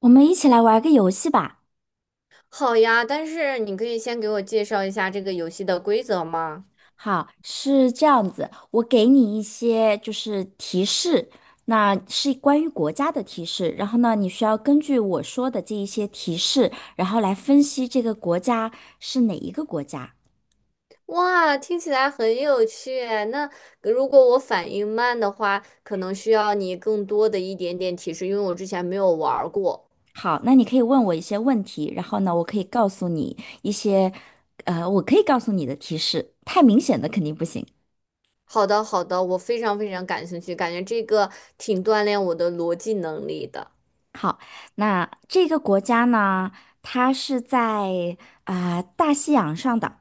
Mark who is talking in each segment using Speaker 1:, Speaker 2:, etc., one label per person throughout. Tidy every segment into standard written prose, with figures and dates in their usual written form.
Speaker 1: 我们一起来玩个游戏吧。
Speaker 2: 好呀，但是你可以先给我介绍一下这个游戏的规则吗？
Speaker 1: 好，是这样子，我给你一些就是提示，那是关于国家的提示，然后呢，你需要根据我说的这一些提示，然后来分析这个国家是哪一个国家。
Speaker 2: 哇，听起来很有趣诶那如果我反应慢的话，可能需要你更多的一点点提示，因为我之前没有玩儿过。
Speaker 1: 好，那你可以问我一些问题，然后呢，我可以告诉你一些，我可以告诉你的提示，太明显的肯定不行。
Speaker 2: 好的，好的，我非常非常感兴趣，感觉这个挺锻炼我的逻辑能力的。
Speaker 1: 好，那这个国家呢，它是在大西洋上的，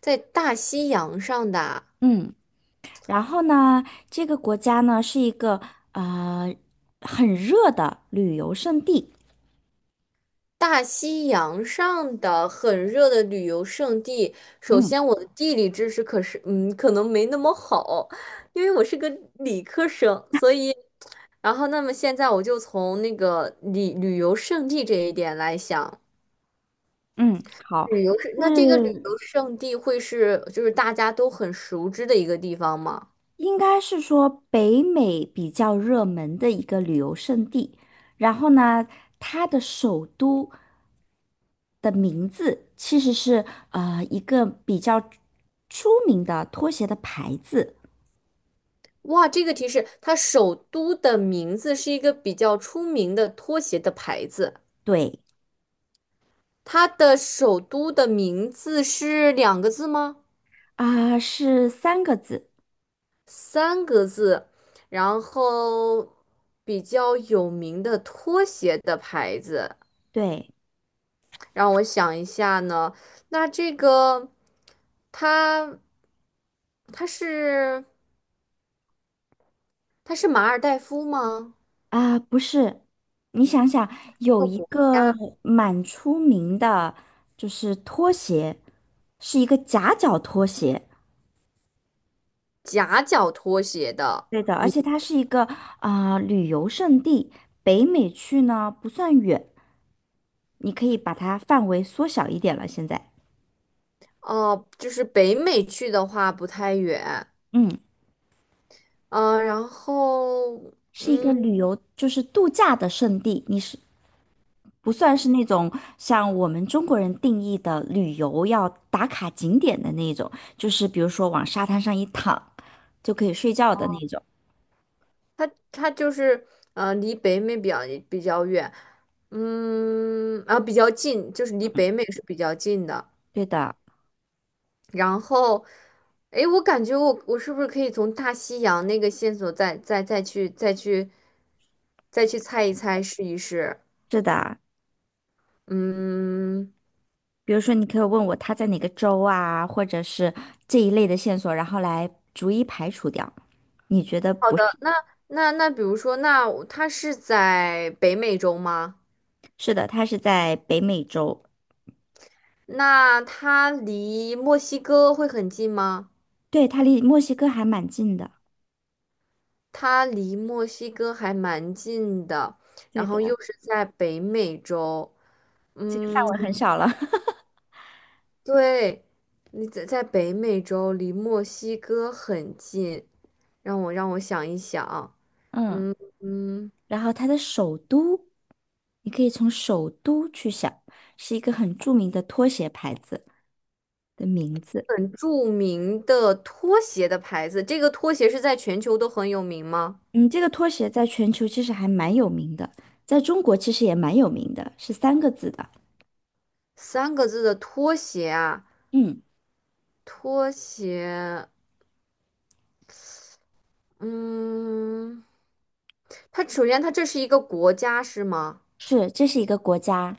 Speaker 2: 在大西洋上的啊
Speaker 1: 嗯。然后呢，这个国家呢是一个呃很热的旅游胜地。
Speaker 2: 大西洋上的很热的旅游胜地，首
Speaker 1: 嗯
Speaker 2: 先我的地理知识可是，嗯，可能没那么好，因为我是个理科生，所以，然后那么现在我就从那个旅游胜地这一点来想，
Speaker 1: 嗯，好，
Speaker 2: 旅游是，那这个旅
Speaker 1: 是
Speaker 2: 游胜地会是就是大家都很熟知的一个地方吗？
Speaker 1: 应该是说北美比较热门的一个旅游胜地。然后呢，它的首都的名字其实是一个比较出名的拖鞋的牌子。
Speaker 2: 哇，这个提示，它首都的名字是一个比较出名的拖鞋的牌子。
Speaker 1: 对
Speaker 2: 它的首都的名字是两个字吗？
Speaker 1: 啊，是三个字。
Speaker 2: 三个字。然后比较有名的拖鞋的牌子，
Speaker 1: 对。
Speaker 2: 让我想一下呢。那这个，它它它是马尔代夫吗？
Speaker 1: 啊，不是，你想想，有
Speaker 2: 这个
Speaker 1: 一
Speaker 2: 国
Speaker 1: 个
Speaker 2: 家
Speaker 1: 蛮出名的，就是拖鞋，是一个夹脚拖鞋。
Speaker 2: 夹脚拖鞋的
Speaker 1: 对的，而
Speaker 2: 名
Speaker 1: 且它是一个旅游胜地，北美去呢不算远，你可以把它范围缩小一点了。现在，
Speaker 2: 哦，就是北美去的话不太远。
Speaker 1: 嗯，
Speaker 2: 然后
Speaker 1: 是一个
Speaker 2: 嗯。
Speaker 1: 旅游就是度假的胜地，你是不算是那种像我们中国人定义的旅游要打卡景点的那种，就是比如说往沙滩上一躺就可以睡觉的那种。
Speaker 2: 它它就是呃，离北美比较比较远，嗯，啊，比较近，就是离北美是比较近的。
Speaker 1: 对的，
Speaker 2: 然后，诶，我感觉我是不是可以从大西洋那个线索再去猜一猜试一试？
Speaker 1: 是的。
Speaker 2: 嗯，
Speaker 1: 比如说，你可以问我他在哪个州啊，或者是这一类的线索，然后来逐一排除掉。你觉得不是？
Speaker 2: 那那比如说，那我它是在北美洲吗？
Speaker 1: 是的，他是在北美洲，
Speaker 2: 那它离墨西哥会很近吗？
Speaker 1: 对，他离墨西哥还蛮近的。
Speaker 2: 它离墨西哥还蛮近的，
Speaker 1: 对
Speaker 2: 然
Speaker 1: 的，
Speaker 2: 后又是在北美洲。
Speaker 1: 这个范
Speaker 2: 嗯，
Speaker 1: 围很小了。
Speaker 2: 对，你在在北美洲，离墨西哥很近。让我想一想，
Speaker 1: 嗯。
Speaker 2: 嗯嗯，
Speaker 1: 然后它的首都，你可以从首都去想，是一个很著名的拖鞋牌子的名字。
Speaker 2: 很著名的拖鞋的牌子，这个拖鞋是在全球都很有名吗？
Speaker 1: 嗯，这个拖鞋在全球其实还蛮有名的，在中国其实也蛮有名的，是三个字的。
Speaker 2: 三个字的拖鞋啊，
Speaker 1: 嗯，
Speaker 2: 拖鞋，嗯，它首先这是一个国家是吗？
Speaker 1: 是，这是一个国家，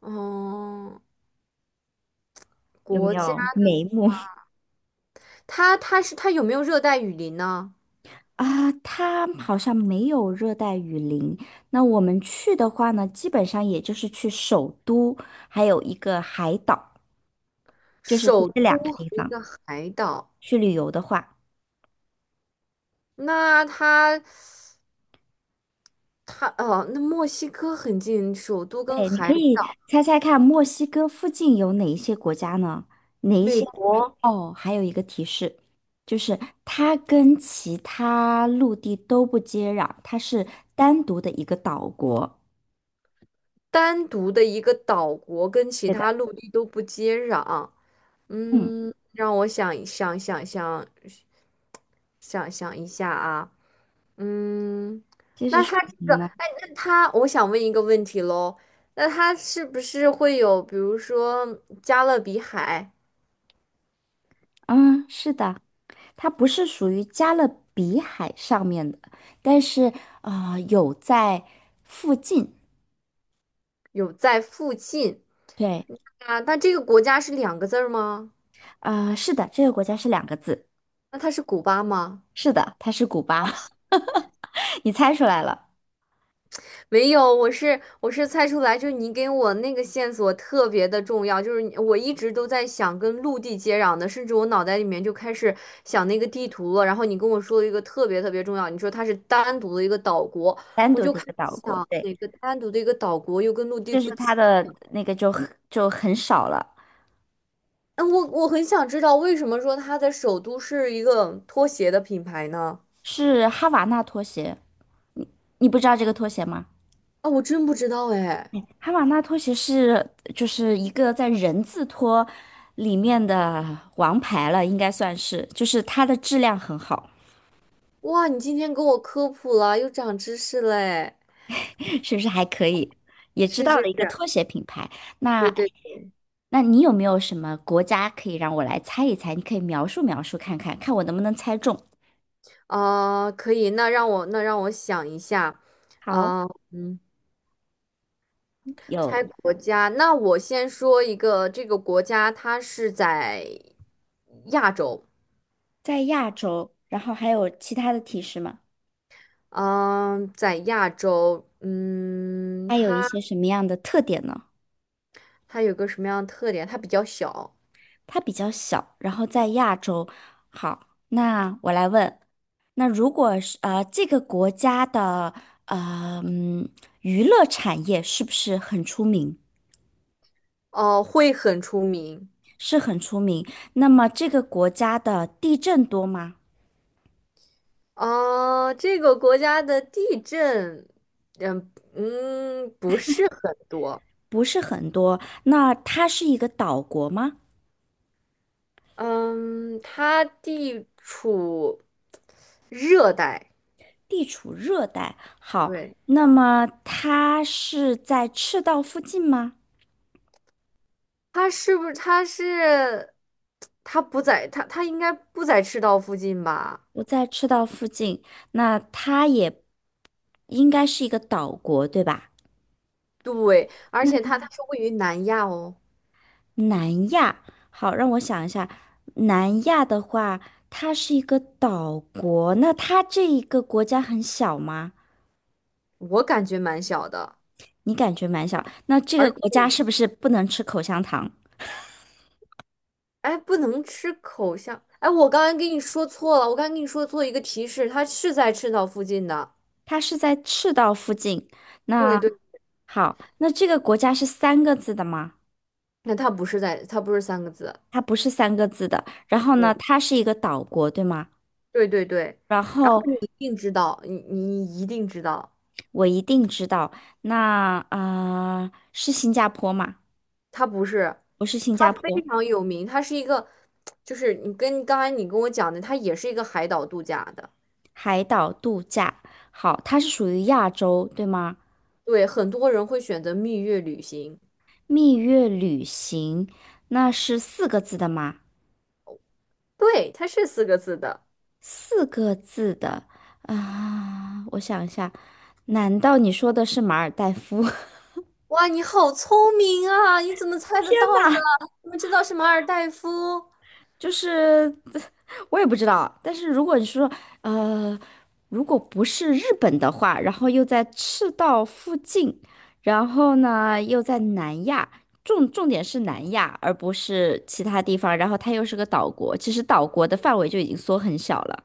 Speaker 2: 哦，
Speaker 1: 有没
Speaker 2: 国家
Speaker 1: 有
Speaker 2: 的，
Speaker 1: 眉目
Speaker 2: 它有没有热带雨林呢？
Speaker 1: 啊？它好像没有热带雨林。那我们去的话呢，基本上也就是去首都，还有一个海岛，就是去
Speaker 2: 首
Speaker 1: 这
Speaker 2: 都
Speaker 1: 两个
Speaker 2: 和
Speaker 1: 地
Speaker 2: 一
Speaker 1: 方
Speaker 2: 个海岛，
Speaker 1: 去旅游的话。
Speaker 2: 那它它哦，那墨西哥很近，首都跟
Speaker 1: 对，你
Speaker 2: 海
Speaker 1: 可
Speaker 2: 岛，
Speaker 1: 以猜猜看，墨西哥附近有哪一些国家呢？哪一
Speaker 2: 美
Speaker 1: 些？
Speaker 2: 国
Speaker 1: 哦，还有一个提示，就是它跟其他陆地都不接壤，它是单独的一个岛国。
Speaker 2: 单独的一个岛国跟其
Speaker 1: 对的，
Speaker 2: 他陆地都不接壤。
Speaker 1: 嗯，
Speaker 2: 嗯，让我想一下啊，嗯，
Speaker 1: 这是
Speaker 2: 那
Speaker 1: 属
Speaker 2: 他
Speaker 1: 于
Speaker 2: 这
Speaker 1: 什么
Speaker 2: 个，
Speaker 1: 呢？
Speaker 2: 哎，那他，我想问一个问题喽，那他是不是会有，比如说加勒比海
Speaker 1: 嗯，是的，它不是属于加勒比海上面的，但是有在附近。
Speaker 2: 有在附近
Speaker 1: 对，
Speaker 2: 啊？那这个国家是两个字儿吗？
Speaker 1: 是的，这个国家是两个字。
Speaker 2: 那它是古巴吗？
Speaker 1: 是的，它是古巴，你猜出来了。
Speaker 2: 没有，我是猜出来，就是你给我那个线索特别的重要，就是你我一直都在想跟陆地接壤的，甚至我脑袋里面就开始想那个地图了。然后你跟我说了一个特别特别重要，你说它是单独的一个岛国，
Speaker 1: 单
Speaker 2: 我
Speaker 1: 独
Speaker 2: 就
Speaker 1: 的一
Speaker 2: 开
Speaker 1: 个
Speaker 2: 始
Speaker 1: 岛国，
Speaker 2: 想
Speaker 1: 对，
Speaker 2: 哪个单独的一个岛国又跟陆地
Speaker 1: 就是
Speaker 2: 不接。
Speaker 1: 它的那个就很就很少了，
Speaker 2: 嗯，我很想知道为什么说它的首都是一个拖鞋的品牌呢？
Speaker 1: 是哈瓦那拖鞋，你不知道这个拖鞋吗？
Speaker 2: 啊，我真不知道哎。
Speaker 1: 哈瓦那拖鞋是就是一个在人字拖里面的王牌了，应该算是，就是它的质量很好，
Speaker 2: 哇，你今天给我科普了，又长知识嘞！
Speaker 1: 是不是还可以？也知
Speaker 2: 是
Speaker 1: 道了
Speaker 2: 是
Speaker 1: 一个
Speaker 2: 是，
Speaker 1: 拖鞋品牌，
Speaker 2: 对
Speaker 1: 那
Speaker 2: 对
Speaker 1: 那你有没有什么国家可以让我来猜一猜？你可以描述描述看看，看我能不能猜中。
Speaker 2: 可以，那让我想一下，
Speaker 1: 好，
Speaker 2: 啊，嗯，猜
Speaker 1: 有。
Speaker 2: 国家，那我先说一个，这个国家它是在亚洲，
Speaker 1: 在亚洲，然后还有其他的提示吗？
Speaker 2: 嗯、在亚洲，嗯，
Speaker 1: 它有一
Speaker 2: 它
Speaker 1: 些什么样的特点呢？
Speaker 2: 它有个什么样的特点？它比较小，
Speaker 1: 它比较小，然后在亚洲。好，那我来问，那如果是这个国家的呃嗯娱乐产业是不是很出名？
Speaker 2: 哦、会很出名，
Speaker 1: 是很出名。那么这个国家的地震多吗？
Speaker 2: 哦、这个国家的地震，嗯嗯，不是很多，
Speaker 1: 不是很多。那它是一个岛国吗？
Speaker 2: 嗯，它地处热带。
Speaker 1: 地处热带。好，
Speaker 2: 对，
Speaker 1: 那么它是在赤道附近吗？
Speaker 2: 他是不是他是他不在他他应该不在赤道附近吧？
Speaker 1: 我在赤道附近，那它也应该是一个岛国，对吧？
Speaker 2: 对，而且它是位于南亚哦，
Speaker 1: 南亚，好，让我想一下，南亚的话，它是一个岛国，那它这一个国家很小吗？
Speaker 2: 我感觉蛮小的，
Speaker 1: 你感觉蛮小，那这个
Speaker 2: 而且
Speaker 1: 国家是不是不能吃口香糖？
Speaker 2: 哎不能吃口香，哎我刚才跟你说错了，我刚才跟你说做一个提示，它是在赤道附近的，
Speaker 1: 它是在赤道附近，
Speaker 2: 对
Speaker 1: 那
Speaker 2: 对，
Speaker 1: 好，那这个国家是三个字的吗？
Speaker 2: 那它不是三个字，
Speaker 1: 它不是三个字的，然后呢，
Speaker 2: 对
Speaker 1: 它是一个岛国，对吗？
Speaker 2: 对，
Speaker 1: 然
Speaker 2: 然后
Speaker 1: 后。
Speaker 2: 你一定知道，你一定知道。
Speaker 1: 我一定知道。那是新加坡吗？
Speaker 2: 它不是，
Speaker 1: 不是新
Speaker 2: 它
Speaker 1: 加
Speaker 2: 非
Speaker 1: 坡，
Speaker 2: 常有名，它是一个，就是你跟刚才你跟我讲的，它也是一个海岛度假的。
Speaker 1: 海岛度假。好，它是属于亚洲，对吗？
Speaker 2: 对，很多人会选择蜜月旅行。
Speaker 1: 蜜月旅行，那是四个字的吗？
Speaker 2: 对，它是四个字的。
Speaker 1: 四个字的我想一下，难道你说的是马尔代夫？
Speaker 2: 哇，你好聪明啊！你怎么猜得到的？你们知道是马尔代夫？
Speaker 1: 就是 我也不知道，但是如果你说呃，如果不是日本的话，然后又在赤道附近，然后呢又在南亚，重点是南亚，而不是其他地方，然后它又是个岛国，其实岛国的范围就已经缩很小了。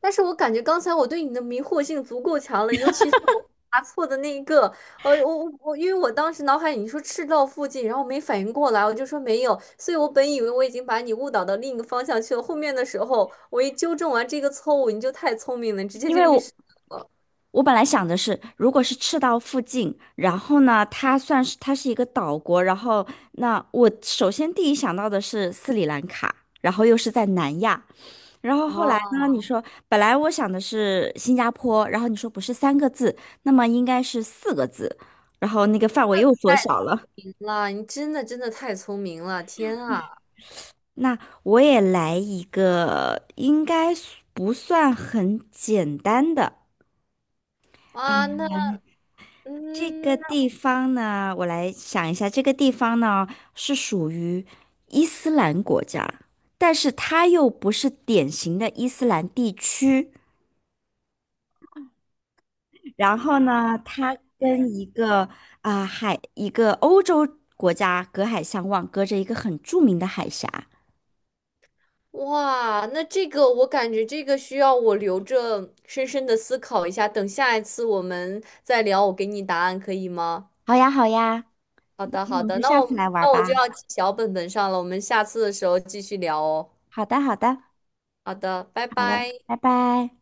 Speaker 2: 但是我感觉刚才我对你的迷惑性足够强了，尤其是我答错的那一个，我，因为我当时脑海里你说赤道附近，然后没反应过来，我就说没有，所以我本以为我已经把你误导到另一个方向去了。后面的时候，我一纠正完这个错误，你就太聪明了，你直接
Speaker 1: 因
Speaker 2: 就
Speaker 1: 为
Speaker 2: 意识
Speaker 1: 我本来想的是，如果是赤道附近，然后呢，它是一个岛国，然后那我首先第一想到的是斯里兰卡，然后又是在南亚，然后后来呢，
Speaker 2: 哦，
Speaker 1: 你说本来我想的是新加坡，然后你说不是三个字，那么应该是四个字，然后那个范围又缩
Speaker 2: 太
Speaker 1: 小了。
Speaker 2: 神了，你真的真的太聪明了，天啊
Speaker 1: 那我也来一个，应该不算很简单的。
Speaker 2: 啊，那
Speaker 1: 这个
Speaker 2: 嗯。
Speaker 1: 地方呢，我来想一下，这个地方呢是属于伊斯兰国家，但是它又不是典型的伊斯兰地区。然后呢，它跟一个一个欧洲国家隔海相望，隔着一个很著名的海峡。
Speaker 2: 哇，那这个我感觉这个需要我留着深深的思考一下，等下一次我们再聊，我给你答案可以吗？
Speaker 1: 好呀，好呀，
Speaker 2: 好的，
Speaker 1: 那
Speaker 2: 好
Speaker 1: 我们
Speaker 2: 的，
Speaker 1: 就
Speaker 2: 那
Speaker 1: 下次来玩
Speaker 2: 我就
Speaker 1: 吧。
Speaker 2: 要记小本本上了，我们下次的时候继续聊哦。
Speaker 1: 好的，好的，
Speaker 2: 好的，拜
Speaker 1: 好了，
Speaker 2: 拜。
Speaker 1: 拜拜。